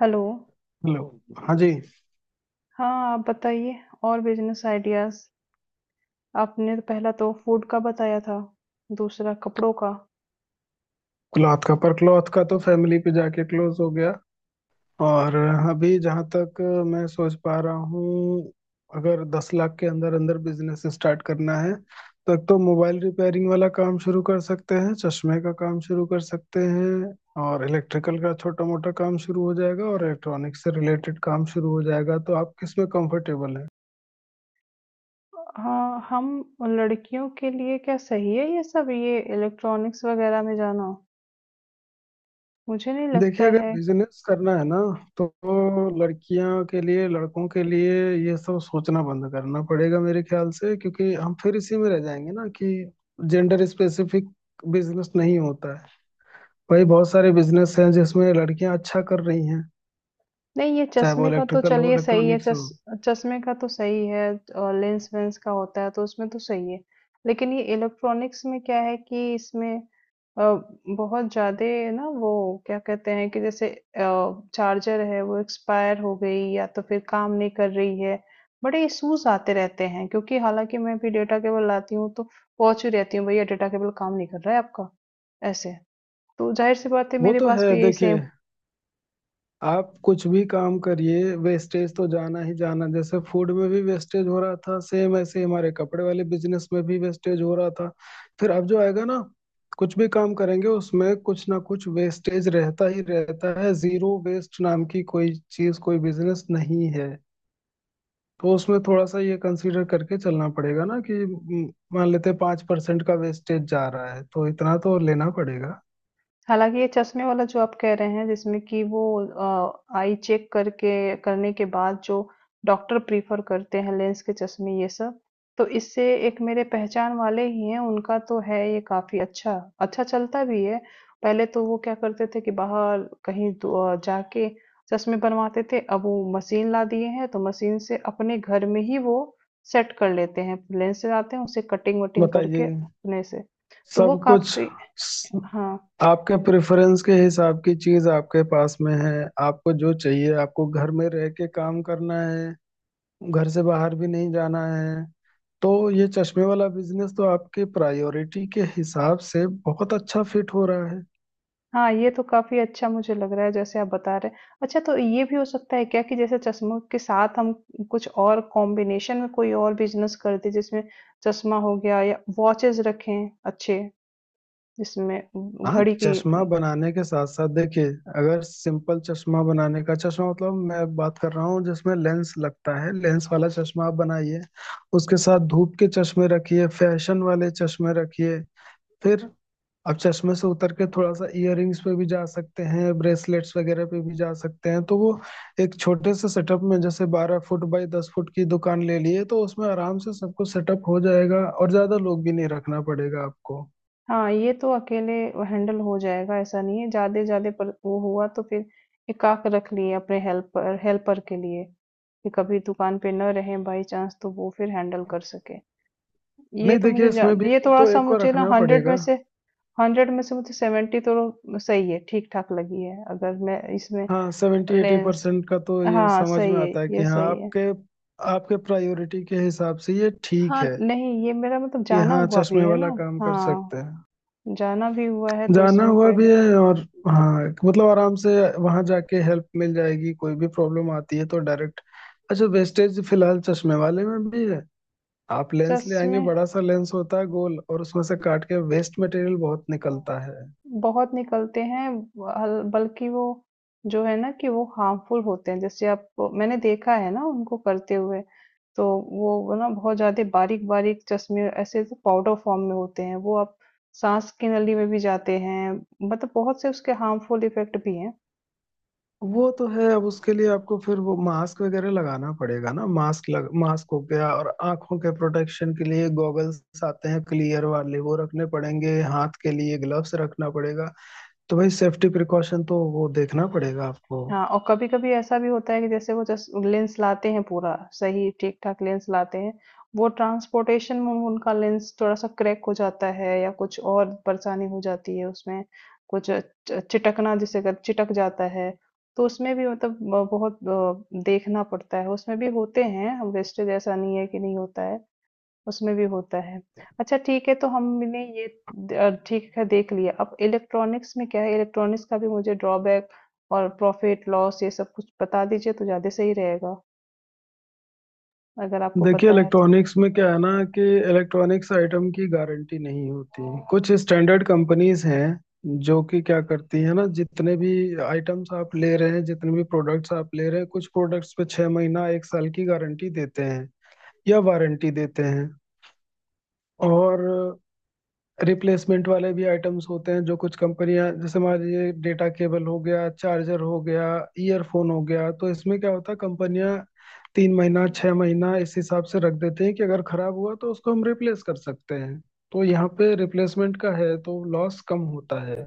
Hello. Hello. हाँ जी। हाँ, आप बताइए और बिज़नेस आइडियाज़। आपने तो पहला तो फूड का बताया था, दूसरा कपड़ों का। क्लॉथ का तो फैमिली पे जाके क्लोज हो गया। और अभी जहाँ तक मैं सोच पा रहा हूँ, अगर 10 लाख के अंदर अंदर बिजनेस स्टार्ट करना है तो एक तो मोबाइल रिपेयरिंग वाला काम शुरू कर सकते हैं, चश्मे का काम शुरू कर सकते हैं, और इलेक्ट्रिकल का छोटा मोटा काम शुरू हो जाएगा और इलेक्ट्रॉनिक्स से रिलेटेड काम शुरू हो जाएगा। तो आप किस में कंफर्टेबल? हाँ, हम लड़कियों के लिए क्या सही है ये सब? ये इलेक्ट्रॉनिक्स वगैरह में जाना? मुझे नहीं लगता देखिए, अगर है। बिजनेस करना है ना, तो लड़कियों के लिए लड़कों के लिए ये सब सोचना बंद करना पड़ेगा मेरे ख्याल से, क्योंकि हम फिर इसी में रह जाएंगे ना कि जेंडर स्पेसिफिक बिजनेस नहीं होता है। भाई, बहुत सारे बिजनेस हैं जिसमें लड़कियां अच्छा कर रही हैं, नहीं ये चाहे वो चश्मे का तो इलेक्ट्रिकल हो, चलिए सही है। इलेक्ट्रॉनिक्स हो। चश चश्मे का तो सही है। और लेंस वेंस का होता है तो उसमें तो सही है। लेकिन ये इलेक्ट्रॉनिक्स में क्या है कि इसमें अ, बहुत ज्यादा, ना वो क्या कहते हैं कि जैसे चार्जर है वो एक्सपायर हो गई या तो फिर काम नहीं कर रही है। बड़े इश्यूज आते रहते हैं क्योंकि हालांकि मैं भी डेटा केबल लाती हूँ तो पहुंच ही रहती हूँ, भैया डेटा केबल काम नहीं कर रहा है आपका ऐसे। तो जाहिर सी बात है वो मेरे तो है। पास भी यही सेम। देखिए, आप कुछ भी काम करिए, वेस्टेज तो जाना ही जाना। जैसे फूड में भी वेस्टेज हो रहा था, सेम ऐसे ही हमारे कपड़े वाले बिजनेस में भी वेस्टेज हो रहा था। फिर अब जो आएगा ना, कुछ भी काम करेंगे उसमें कुछ ना कुछ वेस्टेज रहता ही रहता है। जीरो वेस्ट नाम की कोई चीज, कोई बिजनेस नहीं है। तो उसमें थोड़ा सा ये कंसीडर करके चलना पड़ेगा ना कि मान लेते हैं 5% का वेस्टेज जा रहा है, तो इतना तो लेना पड़ेगा। हालाँकि ये चश्मे वाला जो आप कह रहे हैं जिसमें कि वो आई चेक करके करने के बाद जो डॉक्टर प्रेफ़र करते हैं लेंस के चश्मे ये सब, तो इससे एक मेरे पहचान वाले ही हैं, उनका तो है ये काफ़ी अच्छा, अच्छा चलता भी है। पहले तो वो क्या करते थे कि बाहर कहीं दो जाके चश्मे बनवाते थे, अब वो मशीन ला दिए हैं तो मशीन से अपने घर में ही वो सेट कर लेते हैं। लेंस से लाते हैं उसे कटिंग-वटिंग करके बताइए। अपने से, तो वो सब कुछ काफ़ी। स- हाँ। आपके प्रेफरेंस के हिसाब की चीज आपके पास में है। आपको जो चाहिए, आपको घर में रह के काम करना है, घर से बाहर भी नहीं जाना है, तो ये चश्मे वाला बिजनेस तो आपके प्रायोरिटी के हिसाब से बहुत अच्छा फिट हो रहा है। हाँ, ये तो काफ़ी अच्छा मुझे लग रहा है जैसे आप बता रहे हैं। अच्छा, तो ये भी हो सकता है क्या कि जैसे चश्मों के साथ हम कुछ और कॉम्बिनेशन में कोई और बिजनेस कर दें जिसमें चश्मा हो गया, या वॉचेस रखें अच्छे जिसमें हाँ, घड़ी की चश्मा बनाने के साथ साथ देखिए, अगर सिंपल चश्मा बनाने का, चश्मा मतलब मैं बात कर रहा हूँ जिसमें लेंस लगता है, लेंस वाला चश्मा आप बनाइए, उसके साथ धूप के चश्मे रखिए, फैशन वाले चश्मे रखिए। फिर आप चश्मे से उतर के थोड़ा सा इयररिंग्स पे भी जा सकते हैं, ब्रेसलेट्स वगैरह पे भी जा सकते हैं। तो वो एक छोटे से सेटअप में, जैसे 12 फुट बाई 10 फुट की दुकान ले लिए, तो उसमें आराम से सब कुछ सेटअप हो जाएगा और ज्यादा लोग भी नहीं रखना पड़ेगा आपको। हाँ, ये तो अकेले हैंडल हो जाएगा ऐसा नहीं है। ज़्यादा ज़्यादा पर वो हुआ तो फिर एकाक रख लिए अपने हेल्पर हेल्पर के लिए, कि कभी दुकान पे न रहें बाई चांस तो वो फिर हैंडल कर सके। ये नहीं, तो मुझे देखिए, जा इसमें भी ये तो थोड़ा-सा एक को मुझे ना रखना 100 में पड़ेगा। से मुझे 70 तो सही है ठीक-ठाक लगी है अगर मैं इसमें हाँ, सेवेंटी एटी लेंस। परसेंट का तो ये हाँ, समझ सही में है, आता है कि ये हाँ, सही है। आपके आपके प्रायोरिटी के हिसाब से ये ठीक हाँ, है नहीं ये मेरा मतलब कि जाना हाँ हुआ भी चश्मे है ना? वाला काम कर सकते हाँ, हैं। जाना भी हुआ है तो जाना इसमें हुआ कोई भी है, और हाँ, मतलब आराम से वहां जाके हेल्प मिल जाएगी। कोई भी प्रॉब्लम आती है तो डायरेक्ट। अच्छा, वेस्टेज फिलहाल चश्मे वाले में भी है। आप लेंस ले आएंगे, चश्मे बड़ा सा लेंस होता है गोल, और उसमें से काट के वेस्ट मटेरियल बहुत निकलता है। बहुत निकलते हैं। बल्कि वो जो है ना कि वो हार्मफुल होते हैं, जैसे आप। मैंने देखा है ना उनको करते हुए। तो वो ना बहुत ज्यादा बारीक बारीक चश्मे ऐसे पाउडर फॉर्म में होते हैं, वो आप सांस की नली में भी जाते हैं। मतलब बहुत से उसके हार्मफुल इफेक्ट भी हैं। वो तो है। अब उसके लिए आपको फिर वो मास्क वगैरह लगाना पड़ेगा ना, मास्क लग मास्क हो गया और आंखों के प्रोटेक्शन के लिए गॉगल्स आते हैं क्लियर वाले, वो रखने पड़ेंगे, हाथ के लिए ग्लव्स रखना पड़ेगा। तो भाई सेफ्टी प्रिकॉशन तो वो देखना पड़ेगा आपको। हाँ, और कभी-कभी ऐसा भी होता है कि जैसे वो जस लेंस लाते हैं पूरा, सही ठीक-ठाक लेंस लाते हैं, वो ट्रांसपोर्टेशन में उनका लेंस थोड़ा-सा क्रैक हो जाता है या कुछ और परेशानी हो जाती है उसमें, कुछ च चिटकना जिसे कर चिटक जाता है, तो उसमें भी मतलब ब बहुत देखना पड़ता है, उसमें भी होते हैं वेस्टेज, ऐसा नहीं है कि नहीं होता है। उसमें भी होता है। अच्छा ठीक है, तो हमने ये द ठीक है देख लिया, अब इलेक्ट्रॉनिक्स में क्या है, इलेक्ट्रॉनिक्स का भी मुझे ड्रॉबैक और प्रॉफ़िट लॉस ये सब कुछ बता दीजिए तो ज़्यादा सही रहेगा, अगर आपको देखिए, पता है तो है। इलेक्ट्रॉनिक्स में क्या है ना कि इलेक्ट्रॉनिक्स आइटम की गारंटी नहीं होती। कुछ स्टैंडर्ड कंपनीज हैं जो कि क्या करती है ना, जितने भी आइटम्स आप ले रहे हैं, जितने भी प्रोडक्ट्स आप ले रहे हैं, कुछ प्रोडक्ट्स पे 6 महीना एक साल की गारंटी देते हैं या वारंटी देते हैं। और रिप्लेसमेंट वाले भी आइटम्स होते हैं, जो कुछ कंपनियां, जैसे मान लीजिए डेटा केबल हो गया, चार्जर हो गया, ईयरफोन हो गया, तो इसमें क्या होता है कंपनियां 3 महीना 6 महीना इस हिसाब से रख देते हैं कि अगर खराब हुआ तो उसको हम रिप्लेस कर सकते हैं। तो यहाँ पे रिप्लेसमेंट का है तो लॉस कम होता है।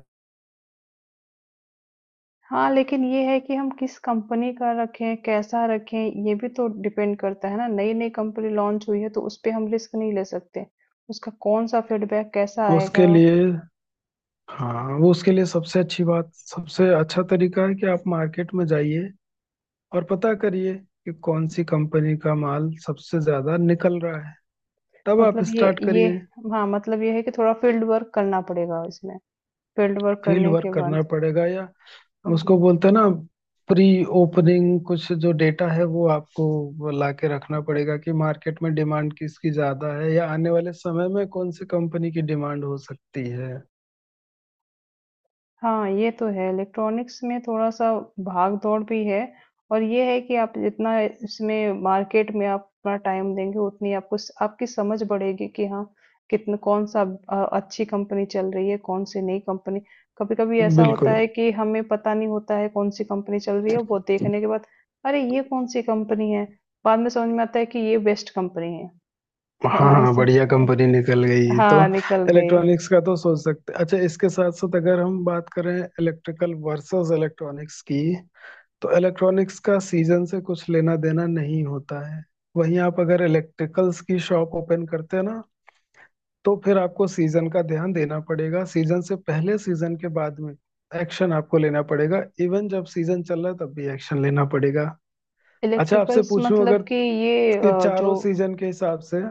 हाँ, लेकिन ये है कि हम किस कंपनी का रखें, कैसा रखें, ये भी तो डिपेंड करता है ना, नई-नई कंपनी लॉन्च हुई है तो उसपे हम रिस्क नहीं ले सकते। उसका कौन-सा फीडबैक कैसा आएगा, उसके लिए हाँ, वो उसके लिए सबसे अच्छी बात, सबसे अच्छा तरीका है कि आप मार्केट में जाइए और पता करिए कि कौन सी कंपनी का माल सबसे ज्यादा निकल रहा है, तब आप मतलब ये स्टार्ट ये करिए। हाँ, मतलब ये है कि थोड़ा फील्ड वर्क करना पड़ेगा इसमें, फील्ड वर्क फील्ड करने वर्क के करना बाद। पड़ेगा, या हुँ। उसको बोलते हैं ना प्री ओपनिंग, कुछ जो डेटा है वो आपको ला के रखना पड़ेगा कि मार्केट में डिमांड किसकी ज्यादा है, या आने वाले समय में कौन सी कंपनी की डिमांड हो सकती है। हाँ, ये तो है इलेक्ट्रॉनिक्स में थोड़ा-सा भाग-दौड़ भी है। और ये है कि आप जितना इसमें मार्केट में आप अपना टाइम देंगे उतनी आपको स आपकी समझ बढ़ेगी कि हाँ, कितना कौन-सा अच्छी कंपनी चल रही है, कौन-सी नई कंपनी। कभी-कभी ऐसा होता बिल्कुल। है कि हमें पता नहीं होता है कौन-सी कंपनी चल रही है, वो देखने के बाद अरे! ये कौन-सी कंपनी है? बाद में समझ में आता है कि ये बेस्ट कंपनी है। हाँ हाँ, हाँ, ऐसा बढ़िया अ, कंपनी निकल गई तो। हाँ, निकल गए। इलेक्ट्रॉनिक्स का तो सोच सकते। अच्छा, इसके साथ साथ अगर हम बात करें इलेक्ट्रिकल वर्सेस इलेक्ट्रॉनिक्स की, तो इलेक्ट्रॉनिक्स का सीजन से कुछ लेना देना नहीं होता है। वहीं आप अगर इलेक्ट्रिकल्स की शॉप ओपन करते हैं ना, तो फिर आपको सीजन का ध्यान देना पड़ेगा। सीजन से पहले, सीजन के बाद में एक्शन आपको लेना पड़ेगा, इवन जब सीजन चल रहा है तब भी एक्शन लेना पड़ेगा। अच्छा, आपसे इलेक्ट्रिकल्स पूछूं मतलब अगर कि ये कि जो, चारों सीजन के हिसाब से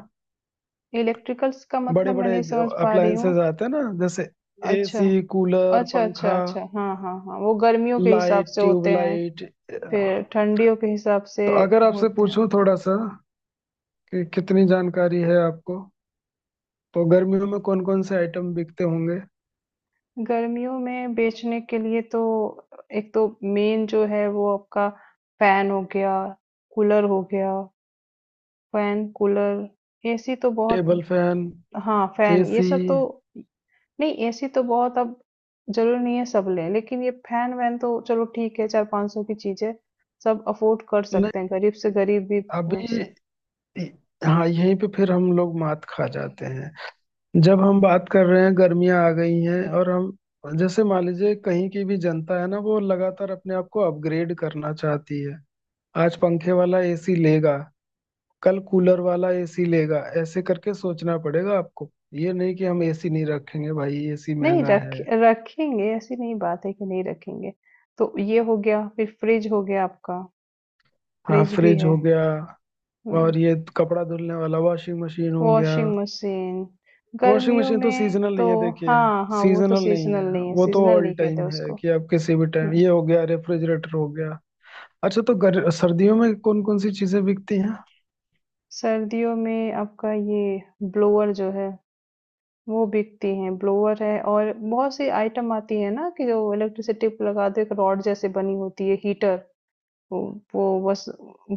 इलेक्ट्रिकल्स का बड़े मतलब मैं बड़े नहीं समझ पा रही हूँ। अप्लायंसेस आते हैं ना, जैसे अच्छा, एसी कूलर अच्छा, अच्छा, पंखा, अच्छा। हाँ, हाँ, हाँ। वो गर्मियों के हिसाब लाइट से होते हैं, ट्यूबलाइट। तो फिर ठंडियों के हिसाब से अगर आपसे होते हैं। पूछूं थोड़ा हुँ। सा कि कितनी जानकारी है आपको, तो गर्मियों में कौन कौन से आइटम बिकते होंगे? गर्मियों में बेचने के लिए तो एक तो मेन जो है वो आपका फैन हो गया, कूलर हो गया, फैन, कूलर, एसी तो बहुत। टेबल फैन, हाँ, फैन ये एसी। सब तो। नहीं एसी तो बहुत अब जरूरी नहीं है सब लें, लेकिन ये फैन वैन तो चलो ठीक है, चार पांच सौ की चीज है, सब अफोर्ड कर सकते हैं गरीब से नहीं, गरीब भी। उस अभी हाँ, यहीं पे फिर हम लोग मात खा जाते हैं। जब हम बात कर रहे हैं गर्मियां आ गई हैं, और हम जैसे मान लीजिए कहीं की भी जनता है ना, वो लगातार अपने आप को अपग्रेड करना चाहती है। आज पंखे वाला एसी लेगा, कल कूलर वाला एसी लेगा, ऐसे करके सोचना पड़ेगा आपको। ये नहीं कि हम एसी नहीं रखेंगे, भाई एसी नहीं, महंगा रख है। रखेंगे, ऐसी नहीं बात है कि नहीं रखेंगे। तो ये हो गया, फिर फ्रिज हो गया आपका। हाँ, फ्रिज भी फ्रिज है। हो गया, हम्म। और ये कपड़ा धुलने वाला वॉशिंग मशीन हो गया। वॉशिंग मशीन, वॉशिंग गर्मियों मशीन तो में सीजनल तो। नहीं है, देखिए, हाँ हाँ, वो तो सीजनल नहीं है। सीजनल नहीं है, वो तो सीजनल ऑल नहीं कहते टाइम है उसको। कि आप किसी भी टाइम, हम्म। ये हो गया रेफ्रिजरेटर हो गया। अच्छा, तो सर्दियों में कौन कौन सी चीजें बिकती हैं? सर्दियों में आपका ये ब्लोअर जो है वो बिकती हैं, ब्लोअर है और बहुत सी आइटम आती है ना कि जो इलेक्ट्रिसिटी पे लगाते हैं, एक रॉड जैसे बनी होती है हीटर। वो वो बस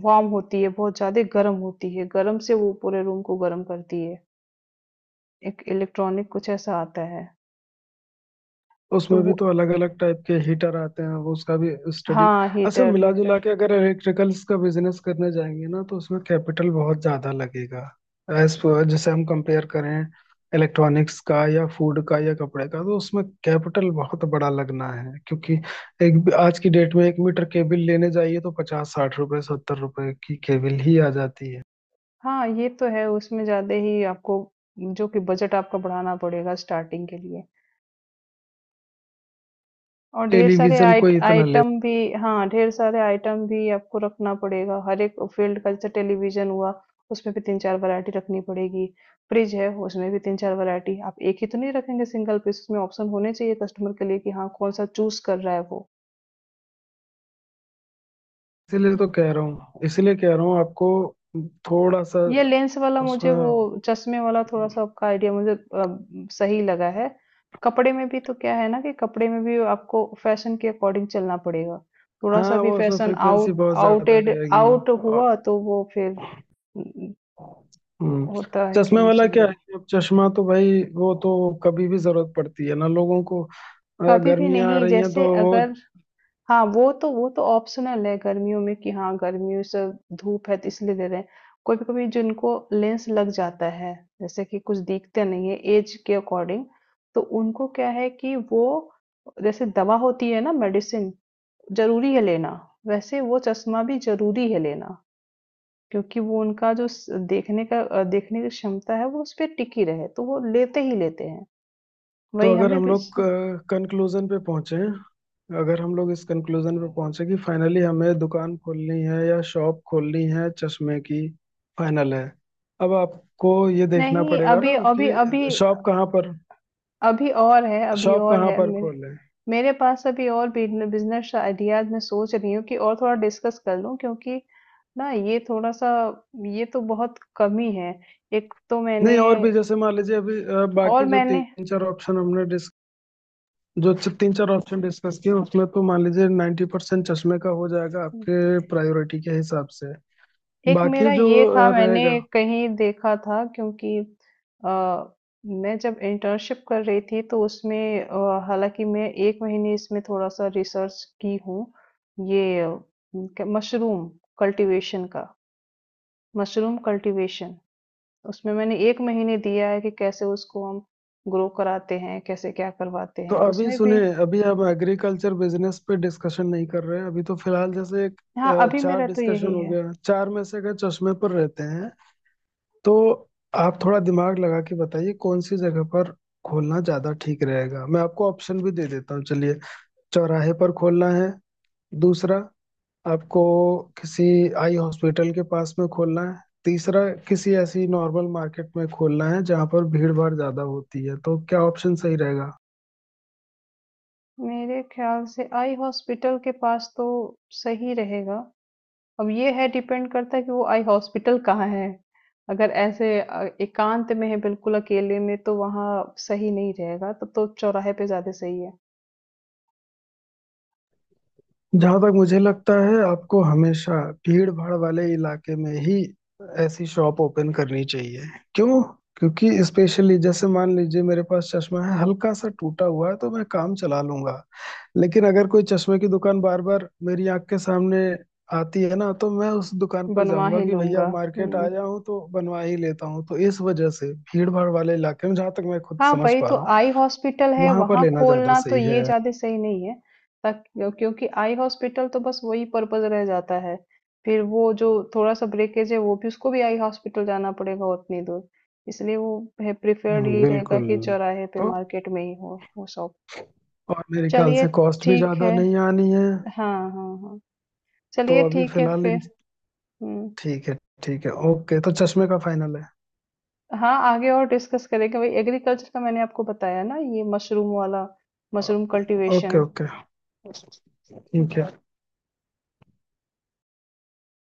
वार्म होती है, बहुत ज्यादा गर्म होती है, गर्म से वो पूरे रूम को गर्म करती है। एक इलेक्ट्रॉनिक कुछ ऐसा आता है तो उसमें भी वो। तो अलग अलग टाइप के हीटर आते हैं, वो उसका भी स्टडी। हाँ अच्छा, हीटर मिला जुला हीटर। के अगर इलेक्ट्रिकल्स का बिजनेस करने जाएंगे ना, तो उसमें कैपिटल बहुत ज्यादा लगेगा। एज जैसे हम कंपेयर करें इलेक्ट्रॉनिक्स का या फूड का या कपड़े का, तो उसमें कैपिटल बहुत बड़ा लगना है, क्योंकि एक आज की डेट में एक मीटर केबल लेने जाइए तो 50-60 रुपए 70 रुपए की केबल ही आ जाती है। हाँ ये तो है उसमें ज्यादा ही आपको, जो कि बजट आपका बढ़ाना पड़ेगा स्टार्टिंग के लिए, और ढेर सारे टेलीविजन कोई इतना ले। आइटम भी, हाँ ढेर सारे आइटम भी आपको रखना पड़ेगा हर एक फील्ड का, जैसे टेलीविजन हुआ उसमें भी तीन चार वैरायटी रखनी पड़ेगी, फ्रिज है उसमें भी तीन चार वैरायटी आप एक ही तो नहीं रखेंगे सिंगल पीस, उसमें ऑप्शन होने चाहिए कस्टमर के लिए कि हाँ कौन सा चूज कर रहा है वो। इसीलिए तो कह रहा हूँ इसीलिए कह रहा हूँ आपको, थोड़ा सा ये लेंस वाला मुझे वो उसमें। चश्मे वाला थोड़ा सा आपका आइडिया मुझे सही लगा है। कपड़े में भी तो क्या है ना कि कपड़े में भी आपको फैशन के अकॉर्डिंग चलना पड़ेगा, थोड़ा हाँ, सा भी वो उसमें फैशन फ्रिक्वेंसी आउट बहुत ज्यादा रहेगी। आउट और हुआ तो वो फिर न- हम्म, होता है कि चश्मे नहीं वाला क्या चलेगा। है कि अब चश्मा तो भाई वो तो कभी भी जरूरत पड़ती है ना लोगों को, कभी भी गर्मियाँ आ नहीं रही हैं तो जैसे वो। अगर। हाँ, वो तो ऑप्शनल है गर्मियों में कि हाँ गर्मियों से, धूप है तो इसलिए दे रहे हैं। कभी कभी जिनको लेंस लग जाता है, जैसे कि कुछ दिखते नहीं है एज के अकॉर्डिंग, तो उनको क्या है कि वो जैसे दवा होती है ना, मेडिसिन जरूरी है लेना, वैसे वो चश्मा भी जरूरी है लेना, क्योंकि वो उनका जो देखने का देखने की क्षमता है वो उस पर टिकी रहे तो वो लेते ही लेते हैं। तो वही अगर हमें हम भी। लोग कंक्लूजन पे पहुंचे, अगर हम लोग इस कंक्लूजन पे पहुंचे कि फाइनली हमें दुकान खोलनी है या शॉप खोलनी है चश्मे की, फाइनल है। अब आपको ये देखना नहीं, पड़ेगा ना अभी अभी अभी कि शॉप कहाँ पर, अभी और है, अभी शॉप और कहाँ है, पर मेरे खोलें। मेरे पास अभी और बिजनेस आइडियाज मैं सोच रही हूँ कि और थोड़ा डिस्कस कर लूँ, क्योंकि ना ये थोड़ा सा, ये तो बहुत कमी है। एक तो नहीं, मैंने, और भी। जैसे मान लीजिए अभी और बाकी जो मैंने, तीन चार ऑप्शन हमने तीन चार ऑप्शन डिस्कस किए, उसमें तो मान लीजिए 90% चश्मे का हो जाएगा आपके प्रायोरिटी के हिसाब से। एक बाकी मेरा जो ये था, मैंने रहेगा। कहीं देखा था क्योंकि आ, मैं जब इंटर्नशिप कर रही थी तो उसमें हालांकि मैं एक महीने इसमें थोड़ा सा रिसर्च की हूँ, ये मशरूम कल्टीवेशन का, मशरूम कल्टीवेशन। उसमें मैंने 1 महीने दिया है कि कैसे उसको हम ग्रो कराते हैं, कैसे क्या करवाते तो हैं। अभी उसमें भी। सुनिए, अभी आप एग्रीकल्चर बिजनेस पे डिस्कशन नहीं कर रहे हैं, अभी तो फिलहाल जैसे एक हाँ, अभी चार मेरा तो डिस्कशन यही हो है। गया। चार में से अगर चश्मे पर रहते हैं, तो आप थोड़ा दिमाग लगा के बताइए कौन सी जगह पर खोलना ज्यादा ठीक रहेगा। मैं आपको ऑप्शन भी दे देता हूँ, चलिए। चौराहे पर खोलना है। दूसरा, आपको किसी आई हॉस्पिटल के पास में खोलना है। तीसरा, किसी ऐसी नॉर्मल मार्केट में खोलना है जहां पर भीड़ भाड़ ज्यादा होती है। तो क्या ऑप्शन सही रहेगा? मेरे ख्याल से आई हॉस्पिटल के पास तो सही रहेगा। अब ये है डिपेंड करता है कि वो आई हॉस्पिटल कहाँ है। अगर ऐसे एकांत में है बिल्कुल अकेले में तो वहाँ सही नहीं रहेगा, तब तो चौराहे पे ज़्यादा सही है। जहां तक मुझे लगता है, आपको हमेशा भीड़ भाड़ वाले इलाके में ही ऐसी शॉप ओपन करनी चाहिए। क्यों? क्योंकि स्पेशली जैसे मान लीजिए मेरे पास चश्मा है हल्का सा टूटा हुआ है, तो मैं काम चला लूंगा। लेकिन अगर कोई चश्मे की दुकान बार बार मेरी आंख के सामने आती है ना, तो मैं उस दुकान पर बनवा जाऊंगा ही कि भैया लूँगा। मार्केट हुँ। आया हूँ तो बनवा ही लेता हूँ। तो इस वजह से भीड़ भाड़ वाले इलाके में, जहां तक मैं खुद हाँ, समझ वही पा तो रहा हूँ, आई हॉस्पिटल है, वहां पर वहां लेना ज्यादा खोलना तो सही है। ये ज्यादा सही नहीं है तक, क्योंकि आई हॉस्पिटल तो बस वही पर्पज रह जाता है, फिर वो जो थोड़ा सा ब्रेकेज है वो भी, उसको भी आई हॉस्पिटल जाना पड़ेगा उतनी दूर, इसलिए वो है प्रिफर्ड, ये रहेगा बिल्कुल। कि चौराहे पे तो, मार्केट में ही हो वो शॉप। और मेरे ख्याल चलिए से कॉस्ट भी ठीक ज्यादा है। नहीं आनी है। हाँ हाँ हाँ, तो चलिए अभी ठीक है फिलहाल फिर। हम्म। ठीक है। ठीक है, ओके, तो चश्मे का फाइनल है। हाँ आगे और डिस्कस करेंगे, वही एग्रीकल्चर का मैंने आपको बताया ना, ये मशरूम वाला, मशरूम ओके कल्टीवेशन। ओके, ठीक है।